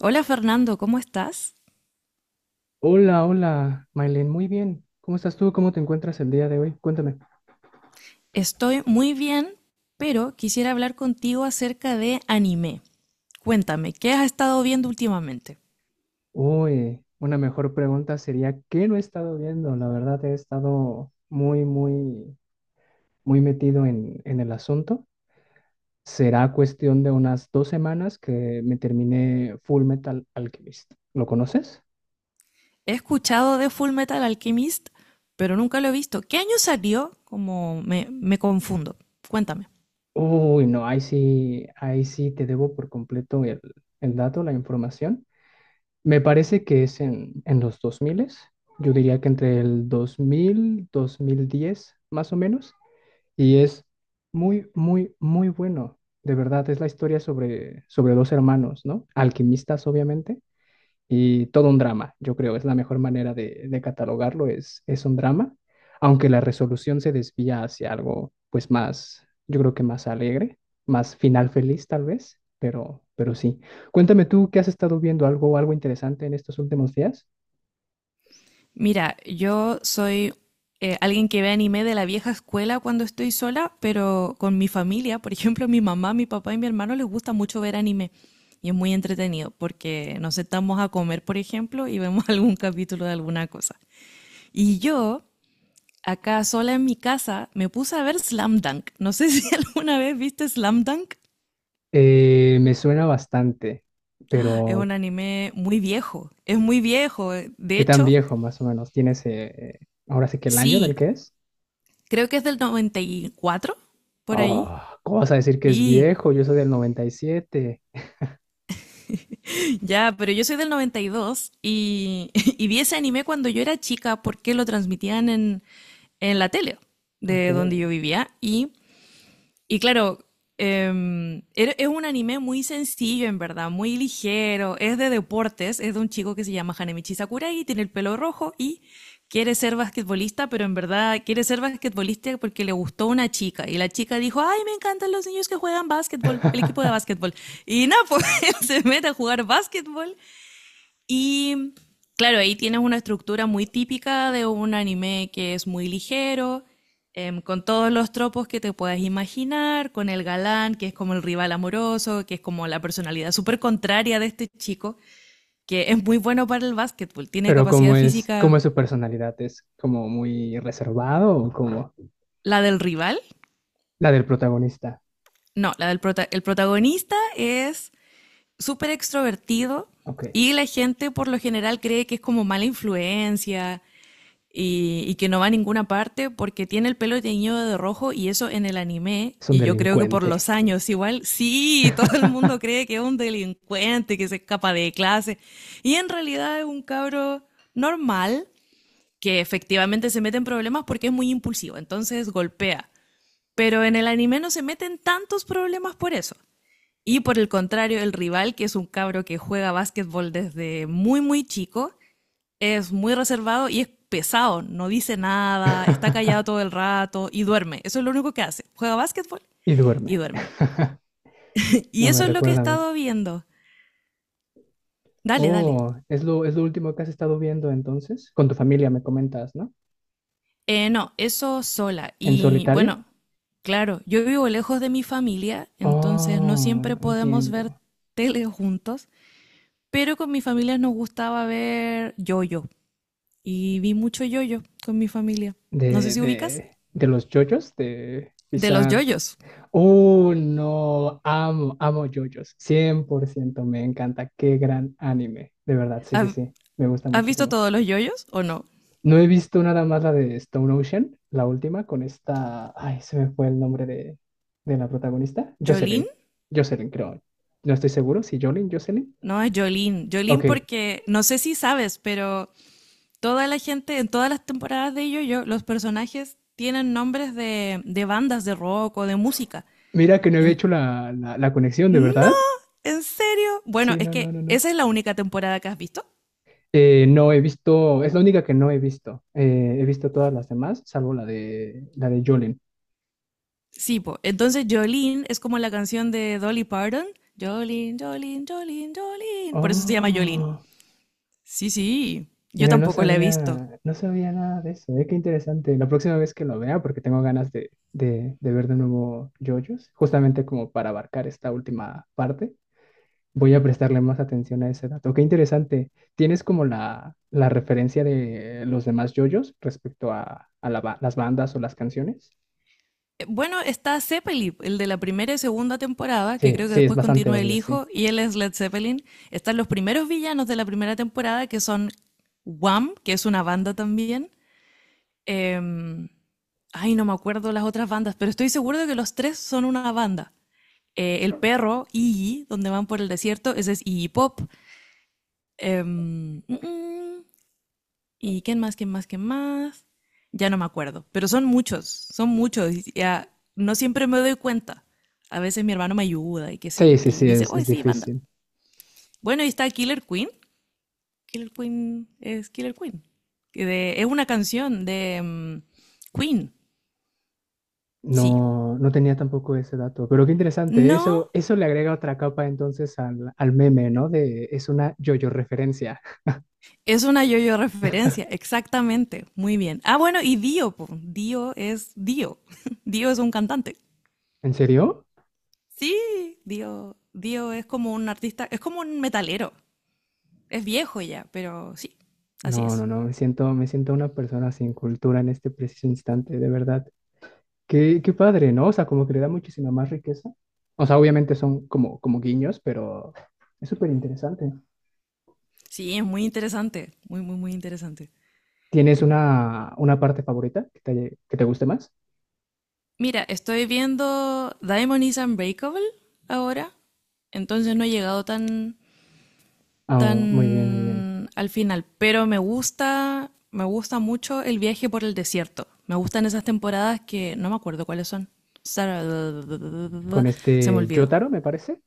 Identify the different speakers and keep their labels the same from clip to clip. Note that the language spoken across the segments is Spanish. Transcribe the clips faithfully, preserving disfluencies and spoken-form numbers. Speaker 1: Hola Fernando, ¿cómo estás?
Speaker 2: Hola, hola, Mailen, muy bien. ¿Cómo estás tú? ¿Cómo te encuentras el día de hoy? Cuéntame.
Speaker 1: Estoy muy bien, pero quisiera hablar contigo acerca de anime. Cuéntame, ¿qué has estado viendo últimamente?
Speaker 2: Uy, una mejor pregunta sería, ¿qué no he estado viendo? La verdad, he estado muy, muy, muy metido en, en el asunto. Será cuestión de unas dos semanas que me terminé Full Metal Alchemist. ¿Lo conoces?
Speaker 1: He escuchado de Full Metal Alchemist, pero nunca lo he visto. ¿Qué año salió? Como me, me confundo. Cuéntame.
Speaker 2: Uy, no, ahí sí, ahí sí te debo por completo el, el dato, la información. Me parece que es en, en los dos mil, yo diría que entre el dos dos mil dos mil diez más o menos, y es muy, muy, muy bueno. De verdad, es la historia sobre, sobre dos hermanos, ¿no? Alquimistas, obviamente, y todo un drama, yo creo, es la mejor manera de, de catalogarlo, es, es un drama, aunque la resolución se desvía hacia algo pues más, yo creo que más alegre, más final feliz tal vez, pero, pero sí. Cuéntame tú, ¿qué has estado viendo? ¿Algo, algo interesante en estos últimos días?
Speaker 1: Mira, yo soy eh, alguien que ve anime de la vieja escuela cuando estoy sola, pero con mi familia, por ejemplo, mi mamá, mi papá y mi hermano les gusta mucho ver anime. Y es muy entretenido porque nos sentamos a comer, por ejemplo, y vemos algún capítulo de alguna cosa. Y yo, acá sola en mi casa, me puse a ver Slam Dunk. No sé si alguna vez viste Slam Dunk.
Speaker 2: Eh, me suena bastante,
Speaker 1: Es un
Speaker 2: pero
Speaker 1: anime muy viejo. Es muy viejo. eh. De
Speaker 2: ¿qué tan
Speaker 1: hecho,
Speaker 2: viejo más o menos? ¿Tienes eh, ahora sí que el año del
Speaker 1: sí,
Speaker 2: que es?
Speaker 1: creo que es del noventa y cuatro por ahí.
Speaker 2: Oh, ¿cómo vas a decir que es
Speaker 1: Sí,
Speaker 2: viejo? Yo soy del noventa y siete.
Speaker 1: ya, pero yo soy del noventa y dos y, dos y y vi ese anime cuando yo era chica porque lo transmitían en, en la tele
Speaker 2: Ok.
Speaker 1: de donde yo vivía. Y, y claro, em, era- es un anime muy sencillo en verdad, muy ligero, es de deportes, es de un chico que se llama Hanemichi Sakurai, tiene el pelo rojo y quiere ser basquetbolista, pero en verdad quiere ser basquetbolista porque le gustó una chica. Y la chica dijo, ay, me encantan los niños que juegan básquetbol, el equipo de básquetbol. Y nada, pues él se mete a jugar básquetbol y claro, ahí tienes una estructura muy típica de un anime que es muy ligero, em, con todos los tropos que te puedas imaginar, con el galán, que es como el rival amoroso, que es como la personalidad súper contraria de este chico, que es muy bueno para el básquetbol, tiene
Speaker 2: Pero
Speaker 1: capacidad
Speaker 2: ¿cómo es, cómo
Speaker 1: física,
Speaker 2: es su personalidad? ¿Es como muy reservado o como
Speaker 1: la del rival,
Speaker 2: la del protagonista?
Speaker 1: no, la del prota- el protagonista es súper extrovertido
Speaker 2: Ok,
Speaker 1: y la gente por lo general cree que es como mala influencia, y, y que no va a ninguna parte porque tiene el pelo teñido de rojo y eso en el anime,
Speaker 2: es un
Speaker 1: y yo creo que por los
Speaker 2: delincuente.
Speaker 1: años igual, sí, todo el mundo cree que es un delincuente, que se escapa de clase, y en realidad es un cabro normal que efectivamente se mete en problemas porque es muy impulsivo, entonces golpea. Pero en el anime no se meten tantos problemas por eso. Y por el contrario, el rival, que es un cabro que juega básquetbol desde muy, muy chico, es muy reservado y es pesado, no dice nada, está callado todo el rato y duerme. Eso es lo único que hace. Juega básquetbol
Speaker 2: Y
Speaker 1: y
Speaker 2: duerme.
Speaker 1: duerme. Y
Speaker 2: No me
Speaker 1: eso es lo que he
Speaker 2: recuerda a mí.
Speaker 1: estado viendo. Dale, dale.
Speaker 2: Oh, es lo, es lo último que has estado viendo entonces. Con tu familia me comentas, ¿no?
Speaker 1: Eh, no, eso sola.
Speaker 2: ¿En
Speaker 1: Y bueno,
Speaker 2: solitario?
Speaker 1: claro, yo vivo lejos de mi familia, entonces no
Speaker 2: Oh,
Speaker 1: siempre podemos ver
Speaker 2: entiendo.
Speaker 1: tele juntos, pero con mi familia nos gustaba ver yoyo. Y vi mucho yoyo con mi familia. No sé
Speaker 2: De,
Speaker 1: si ubicas.
Speaker 2: de, de los yoyos, de
Speaker 1: De los
Speaker 2: pisar.
Speaker 1: yoyos.
Speaker 2: Uh, no, amo, amo JoJo's, cien por ciento me encanta, qué gran anime, de verdad, sí, sí,
Speaker 1: ¿Has,
Speaker 2: sí, me gusta
Speaker 1: has visto
Speaker 2: muchísimo.
Speaker 1: todos los yoyos o no?
Speaker 2: No he visto nada más la de Stone Ocean, la última, con esta, ay, se me fue el nombre de, de la protagonista,
Speaker 1: Jolín,
Speaker 2: Jocelyn, Jocelyn, creo, no estoy seguro, si Jolene, Jocelyn.
Speaker 1: no, es Jolín. Jolín
Speaker 2: Ok,
Speaker 1: porque, no sé si sabes, pero toda la gente, en todas las temporadas de Yo-Yo, los personajes tienen nombres de, de bandas de rock o de música.
Speaker 2: mira que no había
Speaker 1: En-
Speaker 2: hecho la, la, la conexión, ¿de
Speaker 1: no,
Speaker 2: verdad?
Speaker 1: ¿en serio? Bueno,
Speaker 2: Sí,
Speaker 1: es
Speaker 2: no, no, no,
Speaker 1: que
Speaker 2: no.
Speaker 1: esa es la única temporada que has visto.
Speaker 2: Eh, no he visto, es la única que no he visto. Eh, he visto todas las demás, salvo la de, la de Jolene.
Speaker 1: Sí, po. Entonces Jolene es como la canción de Dolly Parton. Jolene, Jolene, Jolene, Jolene. Por eso se llama Jolene.
Speaker 2: Oh,
Speaker 1: Sí, sí. Yo
Speaker 2: mira, no
Speaker 1: tampoco la he visto.
Speaker 2: sabía, no sabía nada de eso. eh, Qué interesante. La próxima vez que lo vea, porque tengo ganas de, de, de ver de nuevo JoJo's, justamente como para abarcar esta última parte, voy a prestarle más atención a ese dato. Qué interesante. ¿Tienes como la, la referencia de los demás JoJo's respecto a, a la ba- las bandas o las canciones?
Speaker 1: Eh, Bueno, está Zeppelin, el de la primera y segunda temporada, que
Speaker 2: Sí,
Speaker 1: creo que
Speaker 2: sí, es
Speaker 1: después
Speaker 2: bastante
Speaker 1: continúa el
Speaker 2: obvio, sí.
Speaker 1: hijo, y él es Led Zeppelin. Están los primeros villanos de la primera temporada, que son Wham, que es una banda también. Em, ay, no me acuerdo las otras bandas, pero estoy seguro de que los tres son una banda. Eh, el perro, Iggy, donde van por el desierto, ese es Iggy Pop. Em, mm, mm, ¿Y quién más, quién más, quién más? Ya no me acuerdo, pero son muchos, son muchos. Y ya no siempre me doy cuenta. A veces mi hermano me ayuda y qué sé
Speaker 2: Sí,
Speaker 1: yo,
Speaker 2: sí,
Speaker 1: y
Speaker 2: sí,
Speaker 1: dice,
Speaker 2: es,
Speaker 1: oye,
Speaker 2: es
Speaker 1: sí, banda.
Speaker 2: difícil.
Speaker 1: Bueno, y está Killer Queen. Killer Queen es Killer Queen. Que de- es una canción de mm, Queen, sí.
Speaker 2: No, no tenía tampoco ese dato, pero qué interesante.
Speaker 1: No,
Speaker 2: Eso, eso le agrega otra capa entonces al, al meme, ¿no? De es una yo-yo referencia.
Speaker 1: es una yo-yo referencia, exactamente. Muy bien. Ah, bueno, y Dio, po. Dio es Dio. Dio es un cantante.
Speaker 2: ¿En serio?
Speaker 1: Sí, Dio, Dio es como un artista, es como un metalero. Es viejo ya, pero sí, así
Speaker 2: No,
Speaker 1: es.
Speaker 2: no, no. Me siento, me siento una persona sin cultura en este preciso instante, de verdad. Qué, qué padre, ¿no? O sea, como que le da muchísima más riqueza. O sea, obviamente son como, como guiños, pero es súper interesante.
Speaker 1: Sí, es muy interesante, muy, muy, muy interesante.
Speaker 2: ¿Tienes una, una parte favorita que te, haya- que te guste más?
Speaker 1: Mira, estoy viendo Diamond is Unbreakable ahora, entonces no he llegado tan,
Speaker 2: Ah, muy bien, muy bien.
Speaker 1: tan al final, pero me gusta, me gusta mucho el viaje por el desierto. Me gustan esas temporadas que no me acuerdo cuáles son. Sara-
Speaker 2: Con
Speaker 1: Se me
Speaker 2: este
Speaker 1: olvidó.
Speaker 2: Jotaro, me parece.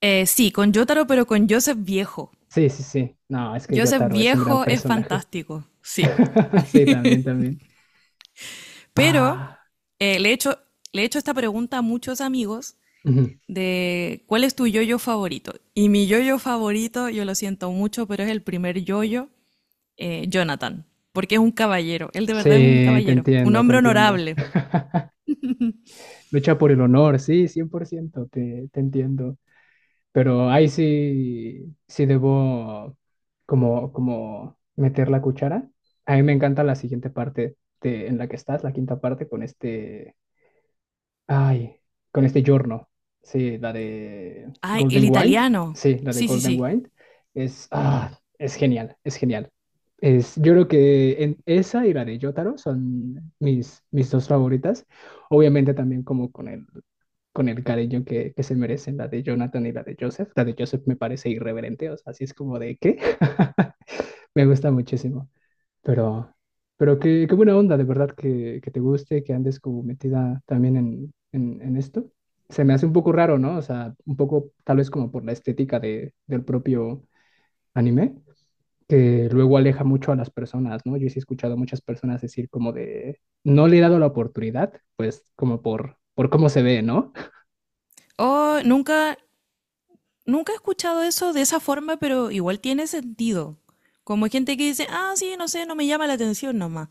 Speaker 1: Eh, sí, con Jotaro, pero con Joseph Viejo.
Speaker 2: Sí, sí, sí. No, es que
Speaker 1: Joseph
Speaker 2: Yotaro es un gran
Speaker 1: Viejo es
Speaker 2: personaje.
Speaker 1: fantástico, sí.
Speaker 2: Sí, también, también.
Speaker 1: Pero
Speaker 2: Ah,
Speaker 1: eh, le he hecho, le he hecho esta pregunta a muchos amigos
Speaker 2: ujú.
Speaker 1: de cuál es tu yoyo favorito. Y mi yoyo favorito, yo lo siento mucho, pero es el primer yoyo, eh, Jonathan, porque es un caballero. Él de verdad es un
Speaker 2: Sí, te
Speaker 1: caballero, un
Speaker 2: entiendo, te
Speaker 1: hombre
Speaker 2: entiendo.
Speaker 1: honorable.
Speaker 2: Lucha por el honor, sí, cien por ciento te, te entiendo. Pero ahí sí, sí debo como, como meter la cuchara. A mí me encanta la siguiente parte de- en la que estás, la quinta parte, con este. Ay, con este giorno. Sí, la de
Speaker 1: Ay, el
Speaker 2: Golden Wind.
Speaker 1: italiano.
Speaker 2: Sí, la de
Speaker 1: Sí, sí,
Speaker 2: Golden
Speaker 1: sí.
Speaker 2: Wind. Es, ah, es genial, es genial. Es, yo creo que en- esa y la de Jotaro son mis, mis dos favoritas. Obviamente también como con el, con el cariño que, que se merecen la de Jonathan y la de Joseph. La de Joseph me parece irreverente, o sea, así es como de qué. Me gusta muchísimo. Pero, pero qué, qué buena onda, de verdad, que, que te guste, que andes como metida también en, en, en esto. Se me hace un poco raro, ¿no? O sea, un poco tal vez como por la estética de, del propio anime, que luego aleja mucho a las personas, ¿no? Yo sí he escuchado a muchas personas decir como de, no le he dado la oportunidad, pues como por, por cómo se ve, ¿no?
Speaker 1: Oh, nunca, nunca he escuchado eso de esa forma, pero igual tiene sentido. Como hay gente que dice, ah, sí, no sé, no me llama la atención nomás.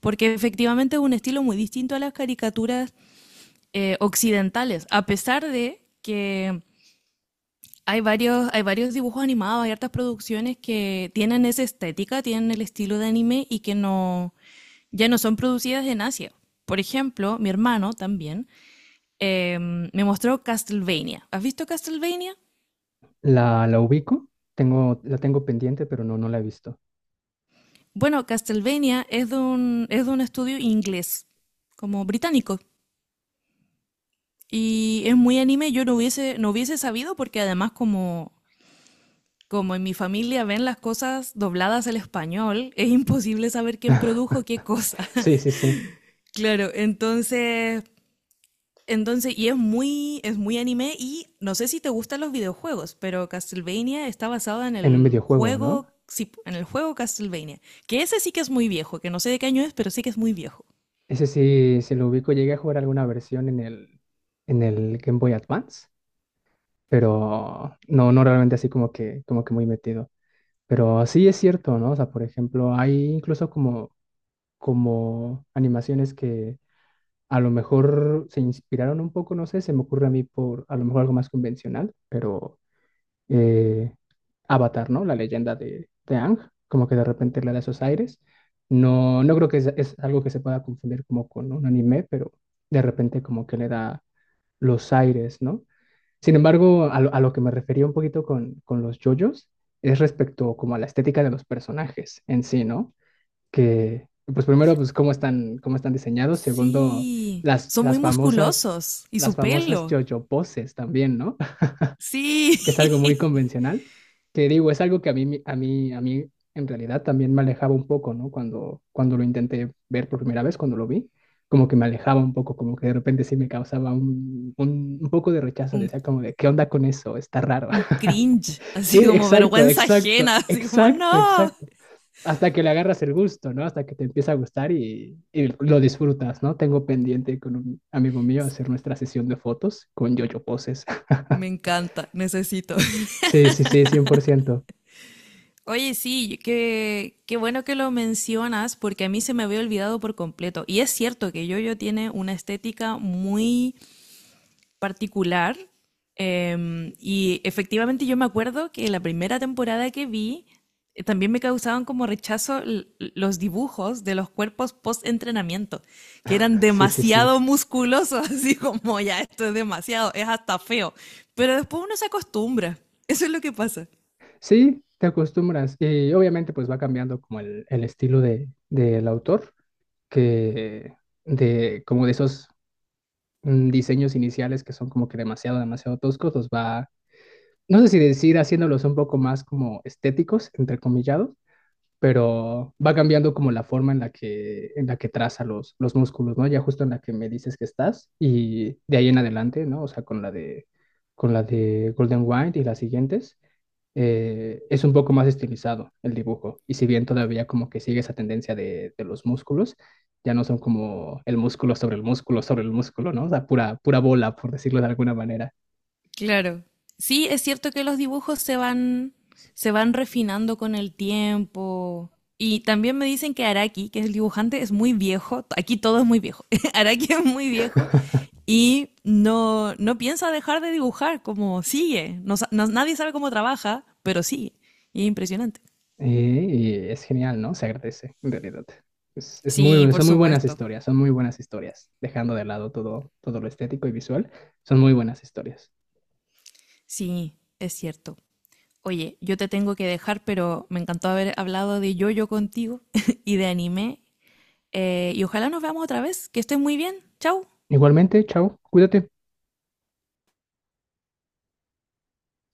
Speaker 1: Porque efectivamente es un estilo muy distinto a las caricaturas eh, occidentales, a pesar de que hay varios, hay varios dibujos animados, hay hartas producciones que tienen esa estética, tienen el estilo de anime y que no, ya no son producidas en Asia. Por ejemplo, mi hermano también eh, me mostró Castlevania. ¿Has visto Castlevania?
Speaker 2: La, la ubico, tengo, la tengo pendiente, pero no, no la he visto.
Speaker 1: Bueno, Castlevania es de un, es de un estudio inglés, como británico. Y es muy anime, yo no hubiese, no hubiese sabido porque además como como en mi familia ven las cosas dobladas al español, es imposible saber quién produjo qué cosa.
Speaker 2: Sí, sí, sí,
Speaker 1: Claro, entonces, entonces, y es muy, es muy anime y no sé si te gustan los videojuegos, pero Castlevania está basado en
Speaker 2: en un
Speaker 1: el
Speaker 2: videojuego, ¿no?
Speaker 1: juego, sí, en el juego Castlevania, que ese sí que es muy viejo, que no sé de qué año es, pero sí que es muy viejo.
Speaker 2: Ese sí, se lo ubico, llegué a jugar alguna versión en el, en el Game Boy Advance, pero no, no realmente así como que, como que muy metido. Pero sí es cierto, ¿no? O sea, por ejemplo, hay incluso como, como animaciones que a lo mejor se inspiraron un poco, no sé, se me ocurre a mí por a lo mejor algo más convencional, pero eh, Avatar, ¿no? La leyenda de, de Aang, como que de repente le da esos aires. No, no creo que es, es algo que se pueda confundir como con un anime, pero de repente como que le da los aires, ¿no? Sin embargo, a lo, a lo que me refería un poquito con, con los yoyos es respecto como a la estética de los personajes en sí, ¿no? Que, pues primero, pues cómo están, cómo están diseñados. Segundo,
Speaker 1: Sí,
Speaker 2: las,
Speaker 1: son muy
Speaker 2: las famosas,
Speaker 1: musculosos y
Speaker 2: las
Speaker 1: su
Speaker 2: famosas
Speaker 1: pelo.
Speaker 2: yoyo poses también, ¿no?
Speaker 1: Sí,
Speaker 2: Que es algo muy convencional, que digo, es algo que a mí, a mí, a mí en realidad también me alejaba un poco, ¿no? Cuando, cuando lo intenté ver por primera vez, cuando lo vi, como que me alejaba un poco, como que de repente sí me causaba un, un, un poco de rechazo,
Speaker 1: un,
Speaker 2: decía como de, ¿qué onda con eso? Está raro.
Speaker 1: un cringe,
Speaker 2: Sí,
Speaker 1: así como
Speaker 2: exacto,
Speaker 1: vergüenza
Speaker 2: exacto,
Speaker 1: ajena, así como
Speaker 2: exacto,
Speaker 1: no.
Speaker 2: exacto. Hasta que le agarras el gusto, ¿no? Hasta que te empieza a gustar y, y lo disfrutas, ¿no? Tengo pendiente con un amigo mío hacer nuestra sesión de fotos con yo-yo poses.
Speaker 1: Me encanta, necesito.
Speaker 2: Sí, sí, sí, cien por ciento.
Speaker 1: Oye, sí, qué, qué bueno que lo mencionas porque a mí se me había olvidado por completo. Y es cierto que Yoyo tiene una estética muy particular. Em, y efectivamente yo me acuerdo que la primera temporada que vi eh, también me causaban como rechazo l- los dibujos de los cuerpos post-entrenamiento, que eran
Speaker 2: Sí, sí, sí.
Speaker 1: demasiado musculosos, así como ya esto es demasiado, es hasta feo. Pero después uno se acostumbra. Eso es lo que pasa.
Speaker 2: Sí, te acostumbras. Y obviamente pues va cambiando como el, el estilo de, del autor, que de como de esos mm, diseños iniciales que son como que demasiado, demasiado toscos, los va, no sé si decir haciéndolos un poco más como estéticos, entre comillados, pero va cambiando como la forma en la que, en la que traza los, los músculos, ¿no? Ya justo en la que me dices que estás y de ahí en adelante, ¿no? O sea, con la de, con la de Golden White y las siguientes eh, es un poco más estilizado el dibujo. Y si bien todavía como que sigue esa tendencia de, de los músculos, ya no son como el músculo sobre el músculo sobre el músculo, ¿no? O sea, pura, pura bola, por decirlo de alguna manera.
Speaker 1: Claro. Sí, es cierto que los dibujos se van, se van refinando con el tiempo. Y también me dicen que Araki, que es el dibujante, es muy viejo. Aquí todo es muy viejo. Araki es muy viejo y no, no piensa dejar de dibujar, como sigue. No sa- no- nadie sabe cómo trabaja, pero sigue. Y es impresionante.
Speaker 2: Eh, Y, es genial, ¿no? Se agradece, en realidad. Es, es
Speaker 1: Sí,
Speaker 2: muy,
Speaker 1: por
Speaker 2: son muy buenas
Speaker 1: supuesto.
Speaker 2: historias, son muy buenas historias. Dejando de lado todo, todo lo estético y visual, son muy buenas historias.
Speaker 1: Sí, es cierto. Oye, yo te tengo que dejar, pero me encantó haber hablado de yoyo contigo y de anime. Eh, y ojalá nos veamos otra vez. Que estés muy bien. Chau.
Speaker 2: Igualmente, chao, cuídate.